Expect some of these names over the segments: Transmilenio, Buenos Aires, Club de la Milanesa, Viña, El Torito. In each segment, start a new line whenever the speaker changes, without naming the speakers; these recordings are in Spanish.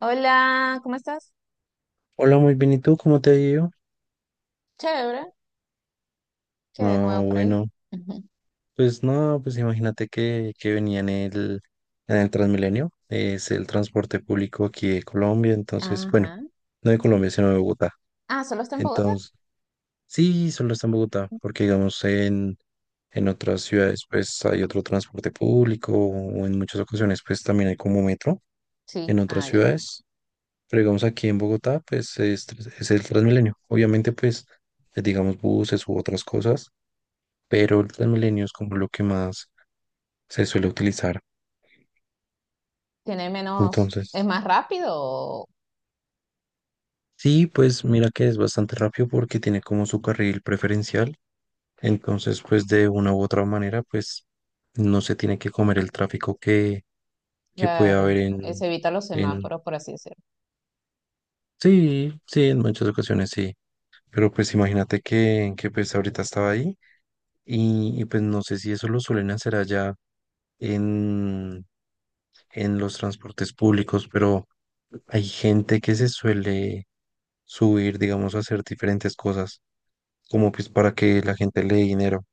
Hola, ¿cómo estás?
Hola, muy bien. ¿Y tú cómo te ha ido?
Chévere, que de
Ah,
nuevo por ahí.
bueno,
Ujú.
pues no, pues imagínate que venía en el Transmilenio, es el transporte público aquí de Colombia, entonces,
Ajá.
bueno, no de Colombia, sino de Bogotá.
Ah, ¿solo está en Bogotá?
Entonces, sí, solo está en Bogotá, porque digamos en otras ciudades pues hay otro transporte público o en muchas ocasiones pues también hay como metro
Sí,
en otras
ah, ya.
ciudades, pero digamos aquí en Bogotá pues es el Transmilenio. Obviamente pues digamos buses u otras cosas, pero las milenio es como lo que más se suele utilizar.
Tiene menos, ¿es
Entonces,
más rápido, o-
sí, pues mira que es bastante rápido porque tiene como su carril preferencial. Entonces, pues de una u otra manera, pues no se tiene que comer el tráfico que puede
claro,
haber
se evita los
en...
semáforos, por así decirlo?
Sí, sí, en muchas ocasiones sí. Pero pues imagínate que pues ahorita estaba ahí y pues no sé si eso lo suelen hacer allá en, en los transportes públicos, pero hay gente que se suele subir, digamos, hacer diferentes cosas, como pues para que la gente le dé dinero.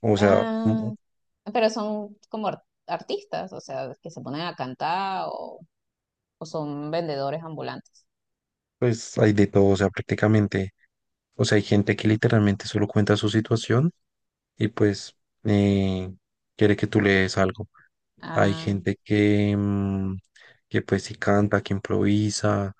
O sea,
Ah, pero son como artistas, o sea, ¿que se ponen a cantar o son vendedores ambulantes?
pues hay de todo, o sea, prácticamente, o sea, hay gente que literalmente solo cuenta su situación y pues eh, quiere que tú le des algo. Hay
Ah,
gente que pues sí canta, que improvisa,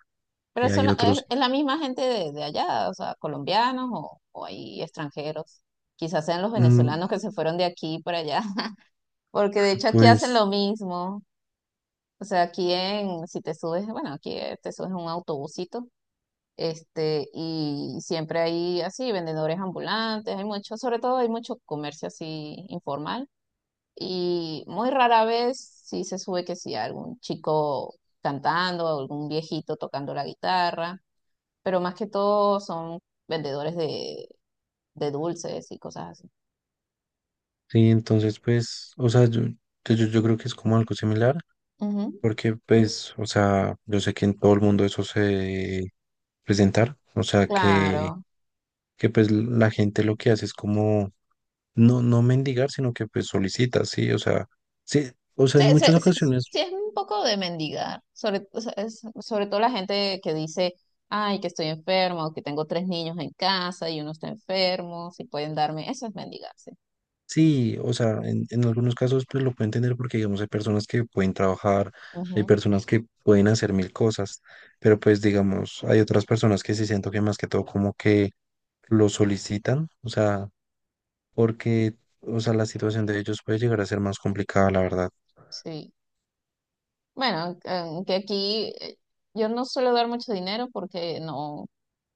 pero son,
hay otros,
es la misma gente de allá, o sea, ¿colombianos o hay extranjeros? Quizás sean los
mm,
venezolanos que se fueron de aquí para allá, porque de hecho aquí hacen
pues
lo mismo. O sea, aquí en, si te subes, bueno, aquí te subes a un autobusito, este, y siempre hay así vendedores ambulantes, hay mucho, sobre todo hay mucho comercio así informal y muy rara vez sí se sube que sí, algún chico cantando, algún viejito tocando la guitarra, pero más que todo son vendedores de dulces y cosas así.
sí, entonces pues, o sea, yo creo que es como algo similar.
Ujú,
Porque pues, o sea, yo sé que en todo el mundo eso se presentar. O sea, que,
claro.
que pues la gente lo que hace es como no, no mendigar, sino que pues solicita, sí, o sea,
Sí,
en
sí,
muchas
sí,
ocasiones,
sí es un poco de mendigar, sobre, o sea, sobre todo la gente que dice, ay, que estoy enfermo, o que tengo tres niños en casa y uno está enfermo, si pueden darme, eso es mendigarse.
sí, o sea, en, algunos casos pues lo puedo entender porque digamos hay personas que pueden trabajar, hay
Ujú,
personas que pueden hacer mil cosas, pero pues digamos, hay otras personas que sí siento que más que todo como que lo solicitan, o sea, porque, o sea, la situación de ellos puede llegar a ser más complicada, la verdad.
sí. Bueno, que aquí yo no suelo dar mucho dinero porque no,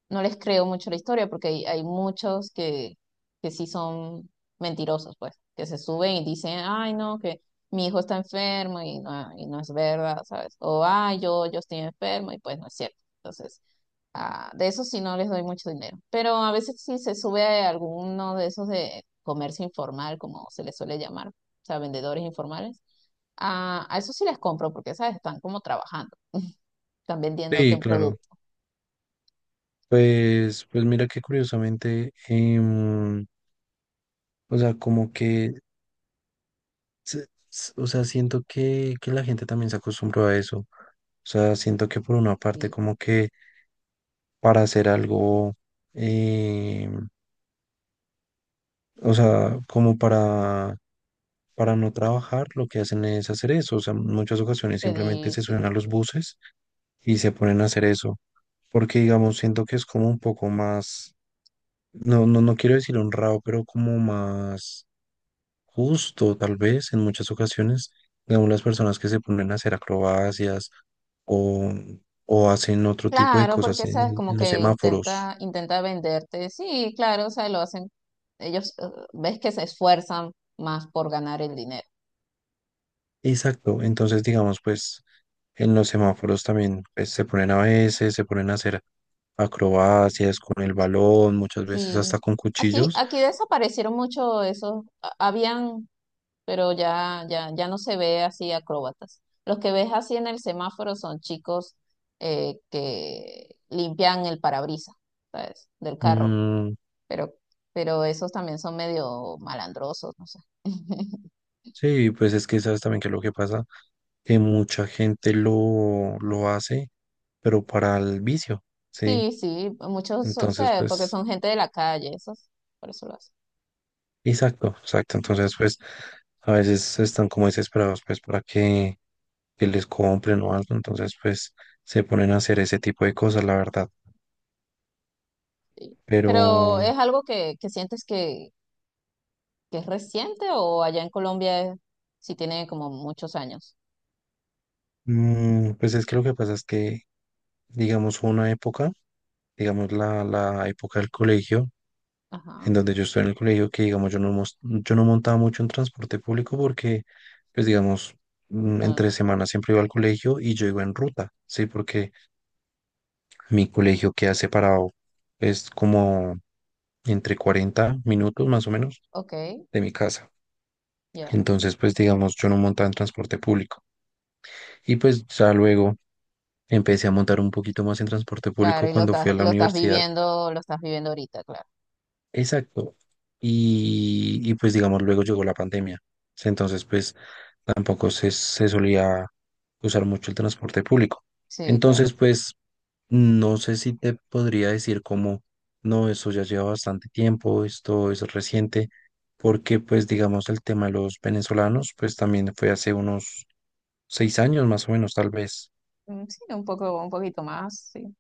no les creo mucho la historia, porque hay muchos que sí son mentirosos, pues, que se suben y dicen, ay, no, que mi hijo está enfermo y no es verdad, ¿sabes? O, ay, yo estoy enfermo y pues no es cierto. Entonces, ah, de eso sí no les doy mucho dinero. Pero a veces sí se sube a alguno de esos de comercio informal, como se les suele llamar, o sea, vendedores informales. Ah, a eso sí les compro porque, ¿sabes? Están como trabajando, están vendiéndote
Sí,
un
claro.
producto.
Pues mira que curiosamente, o sea, como que, se- o sea, siento que la gente también se acostumbró a eso. O sea, siento que por una parte
Y
como que para hacer algo, em, o sea, como para no trabajar, lo que hacen es hacer eso. O sea, en muchas ocasiones simplemente
pedir,
se suben
sí.
a los buses y se ponen a hacer eso. Porque, digamos, siento que es como un poco más, no, no, no quiero decir honrado, pero como más justo, tal vez en muchas ocasiones, digamos, las personas que se ponen a hacer acrobacias o, o hacen otro tipo de
Claro,
cosas
porque
en,
sabes
el-
como
en los
que
semáforos.
intenta venderte. Sí, claro, o sea, lo hacen, ellos ves que se esfuerzan más por ganar el dinero.
Exacto, entonces digamos, pues en los semáforos también pues, se ponen a veces, se ponen a hacer acrobacias con el balón, muchas veces
Sí.
hasta con
Aquí,
cuchillos.
aquí desaparecieron mucho esos, habían, pero ya no se ve así acróbatas. Los que ves así en el semáforo son chicos que limpian el parabrisas, ¿sabes? Del carro.
Mm,
Pero, pero esos también son medio malandrosos, no sé.
sí, pues es que sabes también que lo que pasa, que mucha gente lo hace, pero para el vicio, sí.
Sí, sí, muchos, o
Entonces,
sea, porque
pues
son gente de la calle, esos, por eso lo hacen.
exacto, exacto. Entonces, pues a veces están como desesperados pues para que les compren o algo. Entonces, pues se ponen a hacer ese tipo de cosas, la verdad.
Sí.
Pero,
Pero ¿es algo que sientes que es reciente o allá en Colombia sí tiene como muchos años?
pues es que lo que pasa es que, digamos, hubo una época, digamos, la época del colegio, en
Ajá.
donde yo estoy en el colegio, que, digamos, yo no montaba mucho en transporte público porque, pues, digamos,
Ah,
entre semanas siempre iba al colegio y yo iba en ruta, ¿sí? Porque mi colegio queda separado, es como entre 40 minutos más o menos
ok,
de mi casa.
ya.
Entonces, pues digamos, yo no montaba en transporte público. Y pues ya luego empecé a montar un poquito más en transporte
Claro,
público
y
cuando fui a la universidad.
lo estás viviendo ahorita, claro.
Exacto. Y, pues digamos, luego llegó la pandemia. Entonces, pues tampoco se solía usar mucho el transporte público.
Sí, claro,
Entonces,
claro.
pues no sé si te podría decir como, no, eso ya lleva bastante tiempo, esto es reciente, porque pues digamos el tema de los venezolanos, pues también fue hace unos 6 años más o menos, tal vez.
Mm, sí, un poco, un poquito más, sí.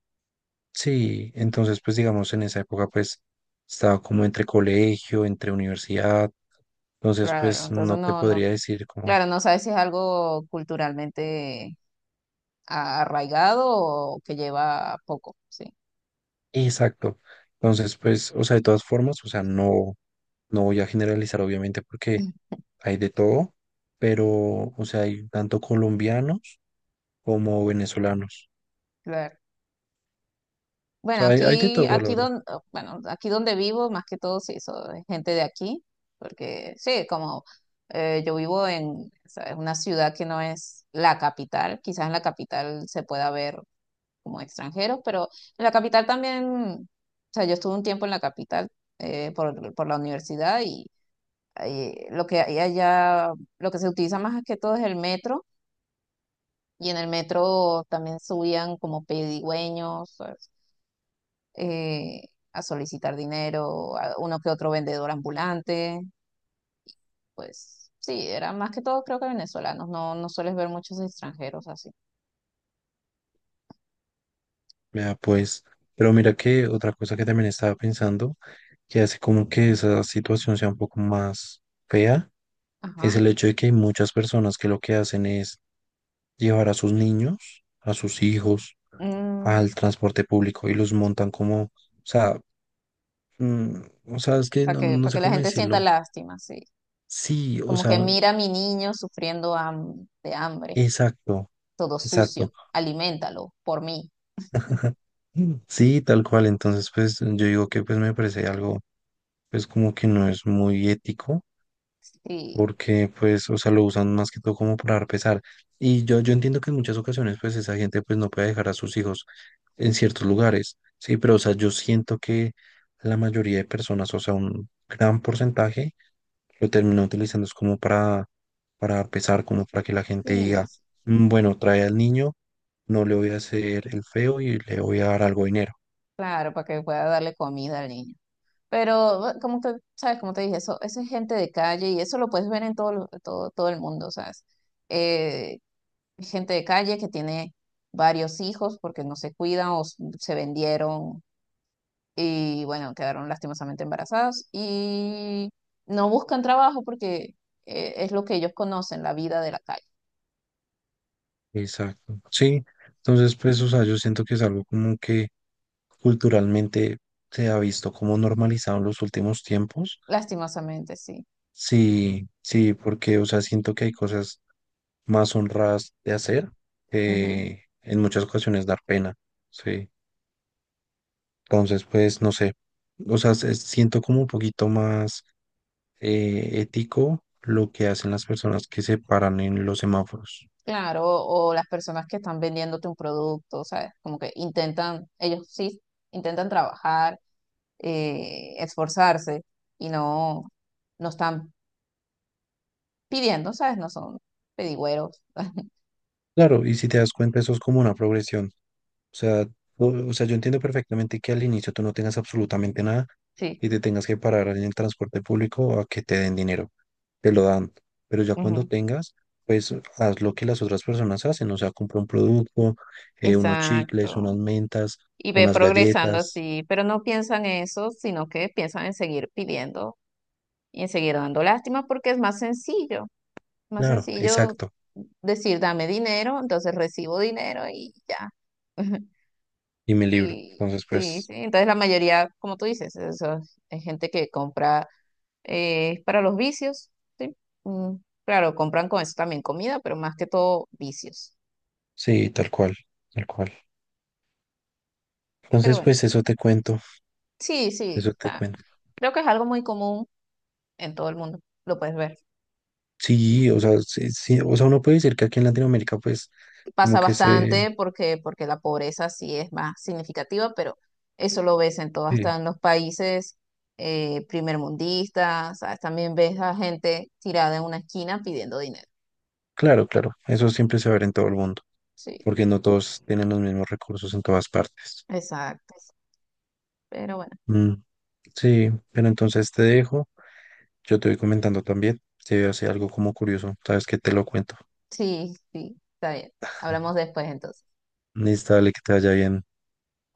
Sí, entonces pues digamos en esa época pues estaba como entre colegio, entre universidad, entonces
Claro,
pues
entonces
no te
no, no.
podría decir como,
Claro, no sabes si es algo culturalmente arraigado o que lleva poco, sí.
exacto. Entonces pues, o sea, de todas formas, o sea, no, no voy a generalizar obviamente porque hay de todo, pero, o sea, hay tanto colombianos como venezolanos.
Claro.
O
Bueno,
sea, hay de
aquí,
todo, la
aquí
verdad.
donde, bueno, aquí donde vivo, más que todo, sí, gente de aquí, porque sí, como yo vivo en, ¿sabes? Una ciudad que no es la capital, quizás en la capital se pueda ver como extranjeros, pero en la capital también, o sea, yo estuve un tiempo en la capital por la universidad y ahí lo que hay allá, lo que se utiliza más que todo es el metro, y en el metro también subían como pedigüeños, eh, a solicitar dinero a uno que otro vendedor ambulante. Pues sí, eran más que todo creo que venezolanos, no, no sueles ver muchos extranjeros así.
Vea, pues, pero mira que otra cosa que también estaba pensando, que hace como que esa situación sea un poco más fea, es
Ajá.
el hecho de que hay muchas personas que lo que hacen es llevar a sus niños, a sus hijos, al transporte público y los montan como, o sea, mm, o sea, es que
Para
no,
que,
no
para
sé
que la
cómo
gente sienta
decirlo.
lástima, sí.
Sí, o
Como que
sea,
mira a mi niño sufriendo de hambre,
exacto.
todo
Exacto.
sucio, aliméntalo por mí.
Sí, tal cual. Entonces, pues yo digo que pues me parece algo, pues como que no es muy ético,
Sí,
porque pues, o sea, lo usan más que todo como para dar pesar. Y yo entiendo que en muchas ocasiones pues esa gente pues no puede dejar a sus hijos en ciertos lugares, sí, pero o sea, yo siento que la mayoría de personas, o sea, un gran porcentaje lo termina utilizando es como para, dar pesar, como para que la gente
sí,
diga: "Mm, bueno, trae al niño, no le voy a hacer el feo y le voy a dar algo de dinero."
claro, para que pueda darle comida al niño. Pero, bueno, como te, sabes, como te dije, eso es gente de calle y eso lo puedes ver en todo, todo, todo el mundo, ¿sabes? Eh, gente de calle que tiene varios hijos porque no se cuidan o se vendieron y, bueno, quedaron lastimosamente embarazados y no buscan trabajo porque es lo que ellos conocen, la vida de la calle.
Exacto. Sí, entonces pues, o sea, yo siento que es algo como que culturalmente se ha visto como normalizado en los últimos tiempos.
Lastimosamente, sí.
Sí, sí, porque, o sea, siento que hay cosas más honradas de hacer
Ujú.
que en muchas ocasiones dar pena. Sí, entonces pues, no sé, o sea, siento como un poquito más ético lo que hacen las personas que se paran en los semáforos.
Claro, o las personas que están vendiéndote un producto, ¿sabes? Como que intentan, ellos sí intentan trabajar esforzarse y no, no están pidiendo, ¿sabes? No son pedigüeros.
Claro, y si te das cuenta, eso es como una progresión. O sea, o sea, yo entiendo perfectamente que al inicio tú no tengas absolutamente nada
Sí,
y te tengas que parar en el transporte público a que te den dinero. Te lo dan. Pero ya cuando
ujú,
tengas, pues haz lo que las otras personas hacen. O sea, compra un producto, unos chicles,
exacto.
unas mentas,
Y ve
unas
progresando
galletas.
así, pero no piensan eso, sino que piensan en seguir pidiendo y en seguir dando lástima porque es más
Claro,
sencillo
exacto.
decir dame dinero, entonces recibo dinero y ya.
Y mi libro.
Y
Entonces,
sí,
pues,
sí, entonces la mayoría, como tú dices, eso es gente que compra es para los vicios, ¿sí? Mm, claro, compran con eso también comida, pero más que todo vicios.
sí, tal cual, tal cual.
Pero
Entonces,
bueno,
pues eso te cuento,
sí, sí,
eso te
está-
cuento.
creo que es algo muy común en todo el mundo, lo puedes ver.
Sí, o sea, sí, sí, o sea, uno puede decir que aquí en Latinoamérica, pues, como
Pasa
que se,
bastante porque, porque la pobreza sí es más significativa, pero eso lo ves en todo,
sí.
hasta en los países primermundistas, ¿sabes? También ves a gente tirada en una esquina pidiendo dinero.
Claro, claro, eso siempre se va a ver en todo el mundo,
Sí,
porque no todos tienen los mismos recursos en todas partes.
exacto. Pero bueno,
Mm, sí, pero entonces te dejo, yo te voy comentando también, si veo así algo como curioso, sabes que te lo cuento.
sí, sí, está bien. Hablamos después entonces.
Listo, dale, que te vaya bien.